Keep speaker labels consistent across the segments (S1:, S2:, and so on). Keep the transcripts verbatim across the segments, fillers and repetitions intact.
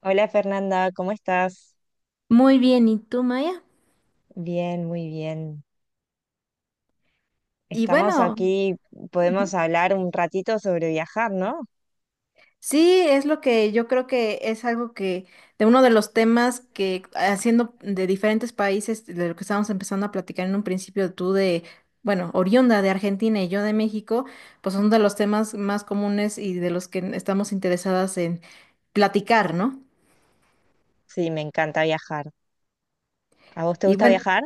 S1: Hola Fernanda, ¿cómo estás?
S2: Muy bien, ¿y tú, Maya?
S1: Bien, muy bien.
S2: Y
S1: Estamos
S2: bueno,
S1: aquí, podemos
S2: ujú.
S1: hablar un ratito sobre viajar, ¿no?
S2: Sí, es lo que yo creo que es algo que, de uno de los temas que haciendo de diferentes países, de lo que estábamos empezando a platicar en un principio, tú de, bueno, oriunda de Argentina y yo de México, pues son de los temas más comunes y de los que estamos interesadas en platicar, ¿no?
S1: Sí, me encanta viajar. ¿A vos te
S2: Y
S1: gusta
S2: bueno,
S1: viajar?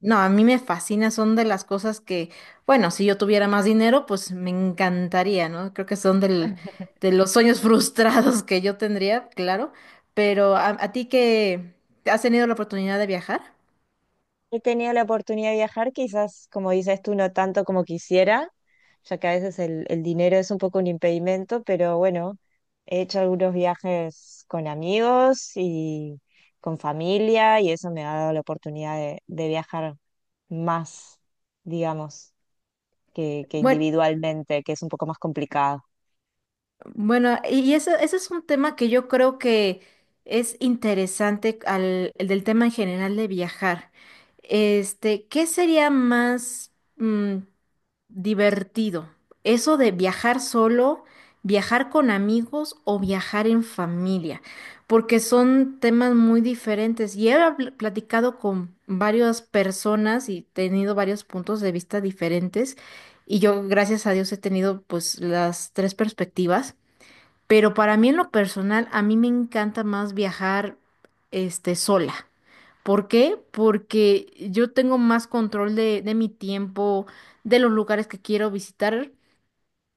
S2: no, a mí me fascina, son de las cosas que, bueno, si yo tuviera más dinero, pues me encantaría, ¿no? Creo que son del, de los sueños frustrados que yo tendría, claro, pero a, a ti que has tenido la oportunidad de viajar.
S1: He tenido la oportunidad de viajar, quizás, como dices tú, no tanto como quisiera, ya que a veces el, el dinero es un poco un impedimento, pero bueno, he hecho algunos viajes con amigos y con familia y eso me ha dado la oportunidad de de viajar más, digamos. que, que
S2: Bueno,
S1: individualmente, que es un poco más complicado.
S2: bueno, y eso, ese es un tema que yo creo que es interesante al, el del tema en general de viajar. Este, ¿qué sería más divertido? Eso de viajar solo, viajar con amigos o viajar en familia, porque son temas muy diferentes. Y he habl- platicado con varias personas y tenido varios puntos de vista diferentes. Y yo, gracias a Dios, he tenido pues las tres perspectivas. Pero para mí en lo personal, a mí me encanta más viajar este sola. ¿Por qué? Porque yo tengo más control de, de mi tiempo, de los lugares que quiero visitar,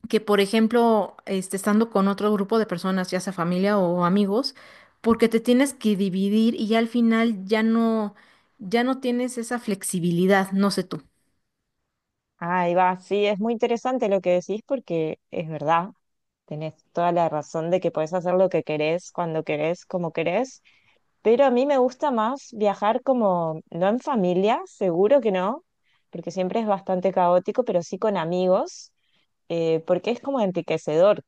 S2: que por ejemplo, este, estando con otro grupo de personas, ya sea familia o amigos, porque te tienes que dividir y ya al final ya no, ya no tienes esa flexibilidad, no sé tú.
S1: Ahí va, sí, es muy interesante lo que decís porque es verdad, tenés toda la razón de que podés hacer lo que querés, cuando querés, como querés, pero a mí me gusta más viajar como, no en familia, seguro que no, porque siempre es bastante caótico, pero sí con amigos, eh, porque es como enriquecedor.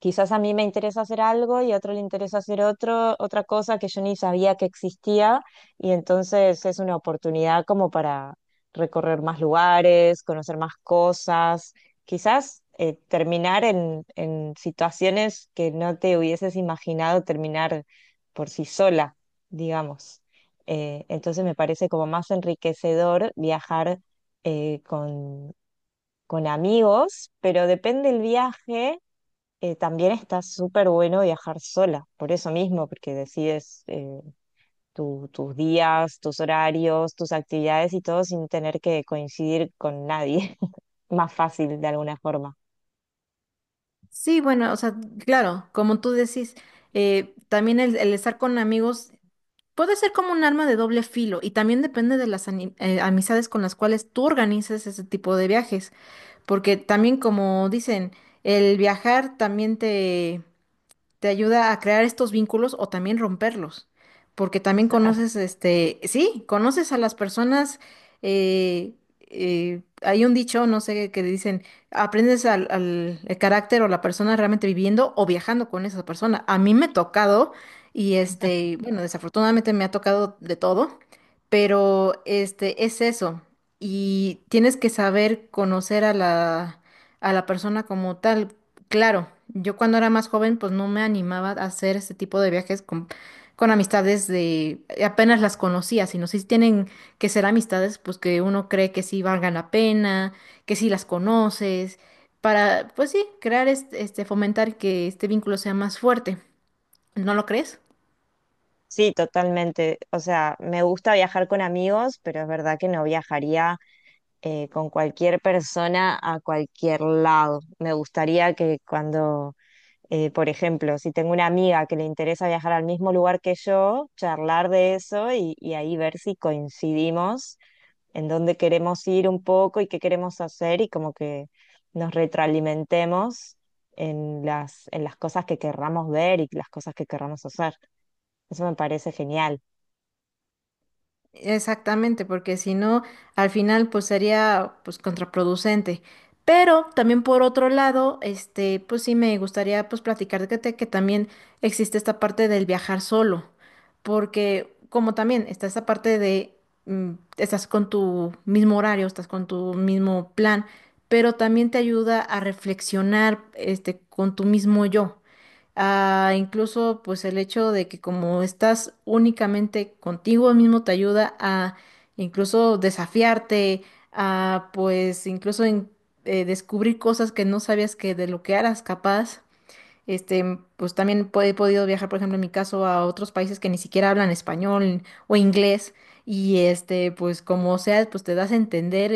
S1: Quizás a mí me interesa hacer algo y a otro le interesa hacer otro, otra cosa que yo ni sabía que existía, y entonces es una oportunidad como para recorrer más lugares, conocer más cosas, quizás eh, terminar en, en situaciones que no te hubieses imaginado terminar por sí sola, digamos. Eh, entonces me parece como más enriquecedor viajar eh, con, con amigos, pero depende el viaje. Eh, también está súper bueno viajar sola, por eso mismo, porque decides eh, tu- tus días, tus horarios, tus actividades y todo sin tener que coincidir con nadie. Más fácil de alguna forma.
S2: Sí, bueno, o sea, claro, como tú decís, eh, también el, el estar con amigos puede ser como un arma de doble filo y también depende de las ani- eh, amistades con las cuales tú organizas ese tipo de viajes. Porque también como dicen, el viajar también te, te ayuda a crear estos vínculos o también romperlos, porque también conoces, este, sí, conoces a las personas, eh, eh, hay un dicho, no sé, que dicen, aprendes al, al- el carácter o la persona realmente viviendo o viajando con esa persona. A mí me ha tocado, y este, bueno, desafortunadamente me ha tocado de todo, pero este, es eso, y tienes que saber conocer a la... a la persona como tal. Claro, yo cuando era más joven, pues no me animaba a hacer este tipo de viajes con, con amistades de eh, apenas las conocía, sino si tienen que ser amistades, pues que uno cree que sí valgan la pena, que sí las conoces, para, pues sí, crear este, este fomentar que este vínculo sea más fuerte. ¿No lo crees?
S1: Sí, totalmente. O sea, me gusta viajar con amigos, pero es verdad que no viajaría eh, con cualquier persona a cualquier lado. Me gustaría que cuando Eh, por ejemplo, si tengo una amiga que le interesa viajar al mismo lugar que yo, charlar de eso y, y ahí ver si coincidimos en dónde queremos ir un poco y qué queremos hacer y como que nos retroalimentemos en las, en las cosas que querramos ver y las cosas que querramos hacer. Eso me parece genial.
S2: Exactamente, porque si no, al final pues sería pues contraproducente. Pero también por otro lado, este, pues sí me gustaría pues platicar de que, te- que también existe esta parte del viajar solo, porque como también está esta parte de mm, estás con tu mismo horario, estás con tu mismo plan, pero también te ayuda a reflexionar este con tu mismo yo. Ah, incluso pues el hecho de que como estás únicamente contigo mismo te ayuda a incluso desafiarte, a pues incluso en- eh, descubrir cosas que no sabías que de lo que eras capaz. Este, pues también po- he podido viajar, por ejemplo, en mi caso, a otros países que ni siquiera hablan español o inglés. Y este, pues como sea, pues te das a entender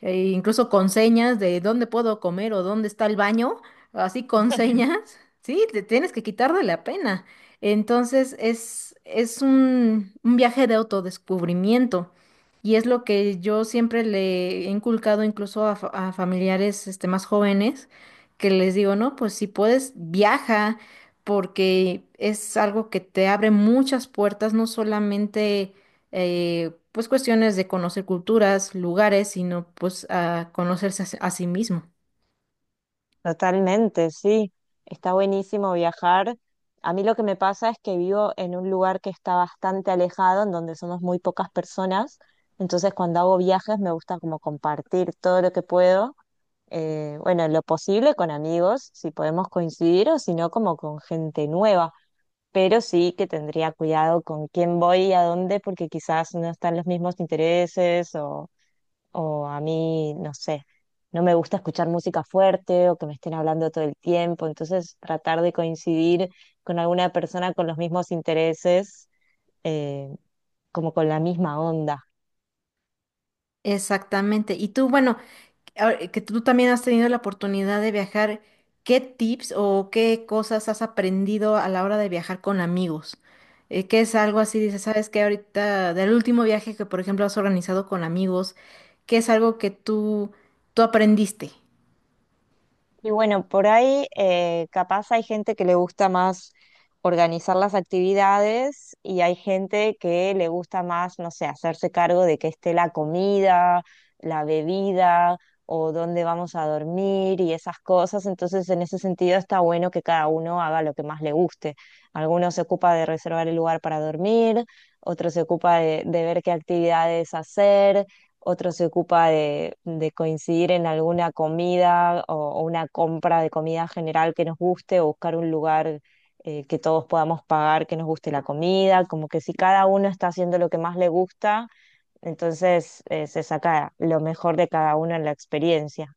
S2: eh, incluso con señas de dónde puedo comer o dónde está el baño, así con señas, sí, te tienes que quitar de la pena. Entonces es, es un, un viaje de autodescubrimiento y es lo que yo siempre le he inculcado incluso a, fa- a familiares este, más jóvenes, que les digo, no, pues si puedes, viaja porque es algo que te abre muchas puertas, no solamente eh, pues cuestiones de conocer culturas, lugares, sino pues a conocerse a, sí a sí mismo.
S1: Totalmente, sí. Está buenísimo viajar. A mí lo que me pasa es que vivo en un lugar que está bastante alejado, en donde somos muy pocas personas. Entonces, cuando hago viajes, me gusta como compartir todo lo que puedo. Eh, bueno, en lo posible con amigos, si podemos coincidir, o si no, como con gente nueva. Pero sí que tendría cuidado con quién voy y a dónde, porque quizás no están los mismos intereses o o a mí, no sé, no me gusta escuchar música fuerte o que me estén hablando todo el tiempo, entonces tratar de coincidir con alguna persona con los mismos intereses, eh, como con la misma onda.
S2: Exactamente. Y tú, bueno, ahora eh, que tú también has tenido la oportunidad de viajar, ¿qué tips o qué cosas has aprendido a la hora de viajar con amigos? Eh, ¿qué es algo así? Dices, ¿sabes que ahorita, del último viaje que, por ejemplo, has organizado con amigos, ¿qué es algo que tú, tú aprendiste?
S1: Y bueno, por ahí eh, capaz hay gente que le gusta más organizar las actividades y hay gente que le gusta más, no sé, hacerse cargo de que esté la comida, la bebida o dónde vamos a dormir y esas cosas. Entonces, en ese sentido está bueno que cada uno haga lo que más le guste. Algunos se ocupa de reservar el lugar para dormir, otros se ocupa de de ver qué actividades hacer, otro se ocupa de, de coincidir en alguna comida o, o una compra de comida general que nos guste o buscar un lugar eh, que todos podamos pagar, que nos guste la comida, como que si cada uno está haciendo lo que más le gusta, entonces eh, se saca lo mejor de cada uno en la experiencia.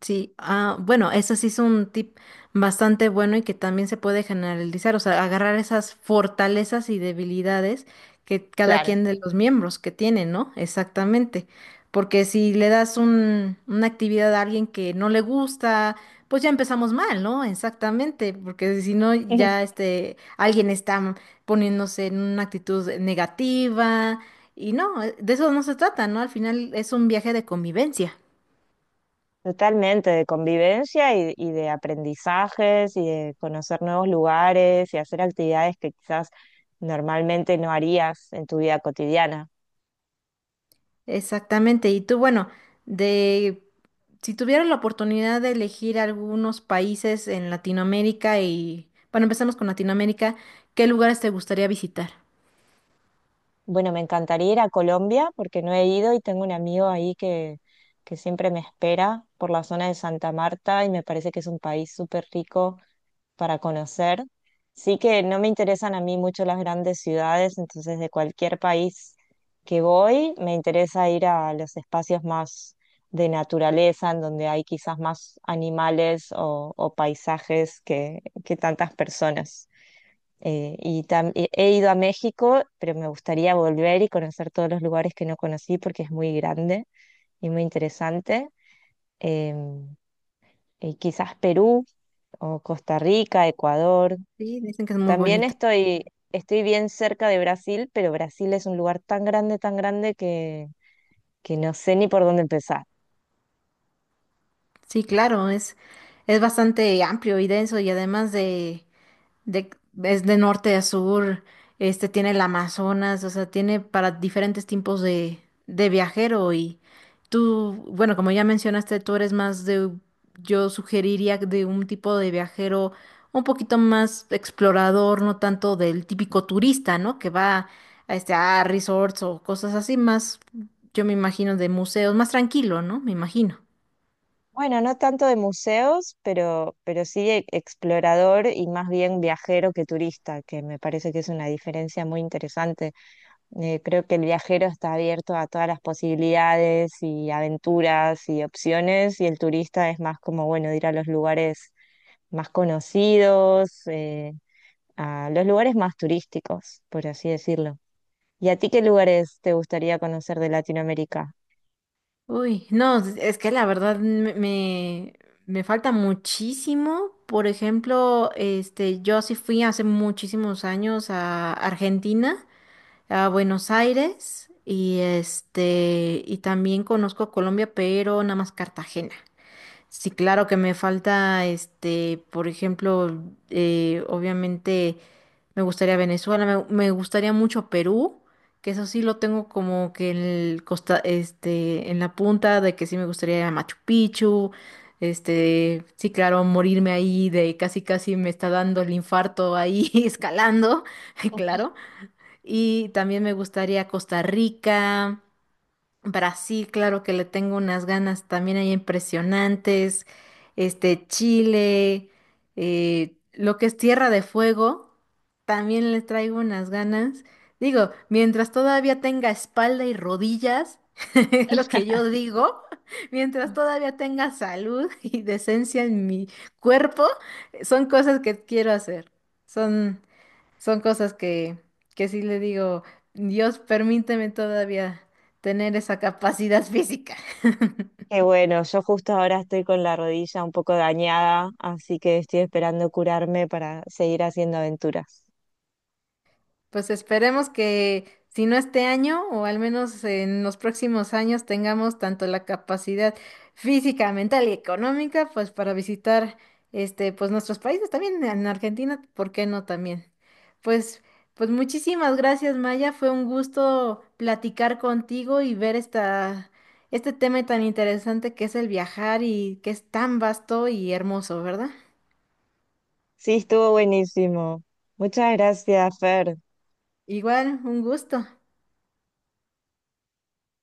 S2: Sí, ah, bueno, eso sí es un tip bastante bueno y que también se puede generalizar, o sea, agarrar esas fortalezas y debilidades que cada
S1: Claro.
S2: quien de los miembros que tiene, ¿no? Exactamente, porque si le das un, una actividad a alguien que no le gusta, pues ya empezamos mal, ¿no? Exactamente, porque si no, ya este, alguien está poniéndose en una actitud negativa y no, de eso no se trata, ¿no? Al final es un viaje de convivencia.
S1: Totalmente, de convivencia y, y de aprendizajes y de conocer nuevos lugares y hacer actividades que quizás normalmente no harías en tu vida cotidiana.
S2: Exactamente. Y tú, bueno, de si tuvieras la oportunidad de elegir algunos países en Latinoamérica y, bueno, empezamos con Latinoamérica, ¿qué lugares te gustaría visitar?
S1: Bueno, me encantaría ir a Colombia porque no he ido y tengo un amigo ahí que, que siempre me espera por la zona de Santa Marta y me parece que es un país súper rico para conocer. Sí que no me interesan a mí mucho las grandes ciudades, entonces de cualquier país que voy me interesa ir a los espacios más de naturaleza, en donde hay quizás más animales o, o paisajes que, que tantas personas. Eh, y tam- y he ido a México, pero me gustaría volver y conocer todos los lugares que no conocí porque es muy grande y muy interesante. Em, y quizás Perú o Costa Rica, Ecuador.
S2: Sí, dicen que es muy
S1: También
S2: bonito.
S1: estoy, estoy bien cerca de Brasil, pero Brasil es un lugar tan grande, tan grande que, que no sé ni por dónde empezar.
S2: Sí, claro, es, es bastante amplio y denso y además de, de, es de norte a sur, este tiene el Amazonas, o sea, tiene para diferentes tipos de, de viajero y tú, bueno, como ya mencionaste, tú eres más de, yo sugeriría de un tipo de viajero un poquito más explorador, no tanto del típico turista, ¿no? Que va a, este, a resorts o cosas así, más, yo me imagino, de museos, más tranquilo, ¿no? Me imagino.
S1: Bueno, no tanto de museos, pero, pero sí e- explorador y más bien viajero que turista, que me parece que es una diferencia muy interesante. Eh, creo que el viajero está abierto a todas las posibilidades y aventuras y opciones, y el turista es más como, bueno, ir a los lugares más conocidos, eh, a los lugares más turísticos, por así decirlo. ¿Y a ti qué lugares te gustaría conocer de Latinoamérica?
S2: Uy, no, es que la verdad me, me, me falta muchísimo. Por ejemplo, este, yo sí fui hace muchísimos años a Argentina, a Buenos Aires, y este, y también conozco Colombia, pero nada más Cartagena. Sí, claro que me falta, este, por ejemplo, eh, obviamente. Me gustaría Venezuela, me, me gustaría mucho Perú, que eso sí lo tengo como que en el costa, este, en la punta de que sí me gustaría ir a Machu Picchu, este, sí, claro, morirme ahí de casi casi me está dando el infarto ahí escalando, claro. Y también me gustaría Costa Rica, Brasil, claro que le tengo unas ganas también ahí impresionantes. Este, Chile, eh, lo que es Tierra de Fuego, también le traigo unas ganas. Digo, mientras todavía tenga espalda y rodillas, es lo que yo digo, mientras todavía tenga salud y decencia en mi cuerpo, son cosas que quiero hacer. Son, son cosas que, que sí le digo, Dios, permíteme todavía tener esa capacidad física.
S1: Qué bueno, yo justo ahora estoy con la rodilla un poco dañada, así que estoy esperando curarme para seguir haciendo aventuras.
S2: Pues esperemos que si no este año o al menos en los próximos años tengamos tanto la capacidad física, mental y económica pues para visitar este pues nuestros países también en Argentina, ¿por qué no también? Pues pues muchísimas gracias, Maya, fue un gusto platicar contigo y ver esta este tema tan interesante que es el viajar y que es tan vasto y hermoso, ¿verdad?
S1: Sí, estuvo buenísimo. Muchas gracias, Fer.
S2: Igual, un gusto.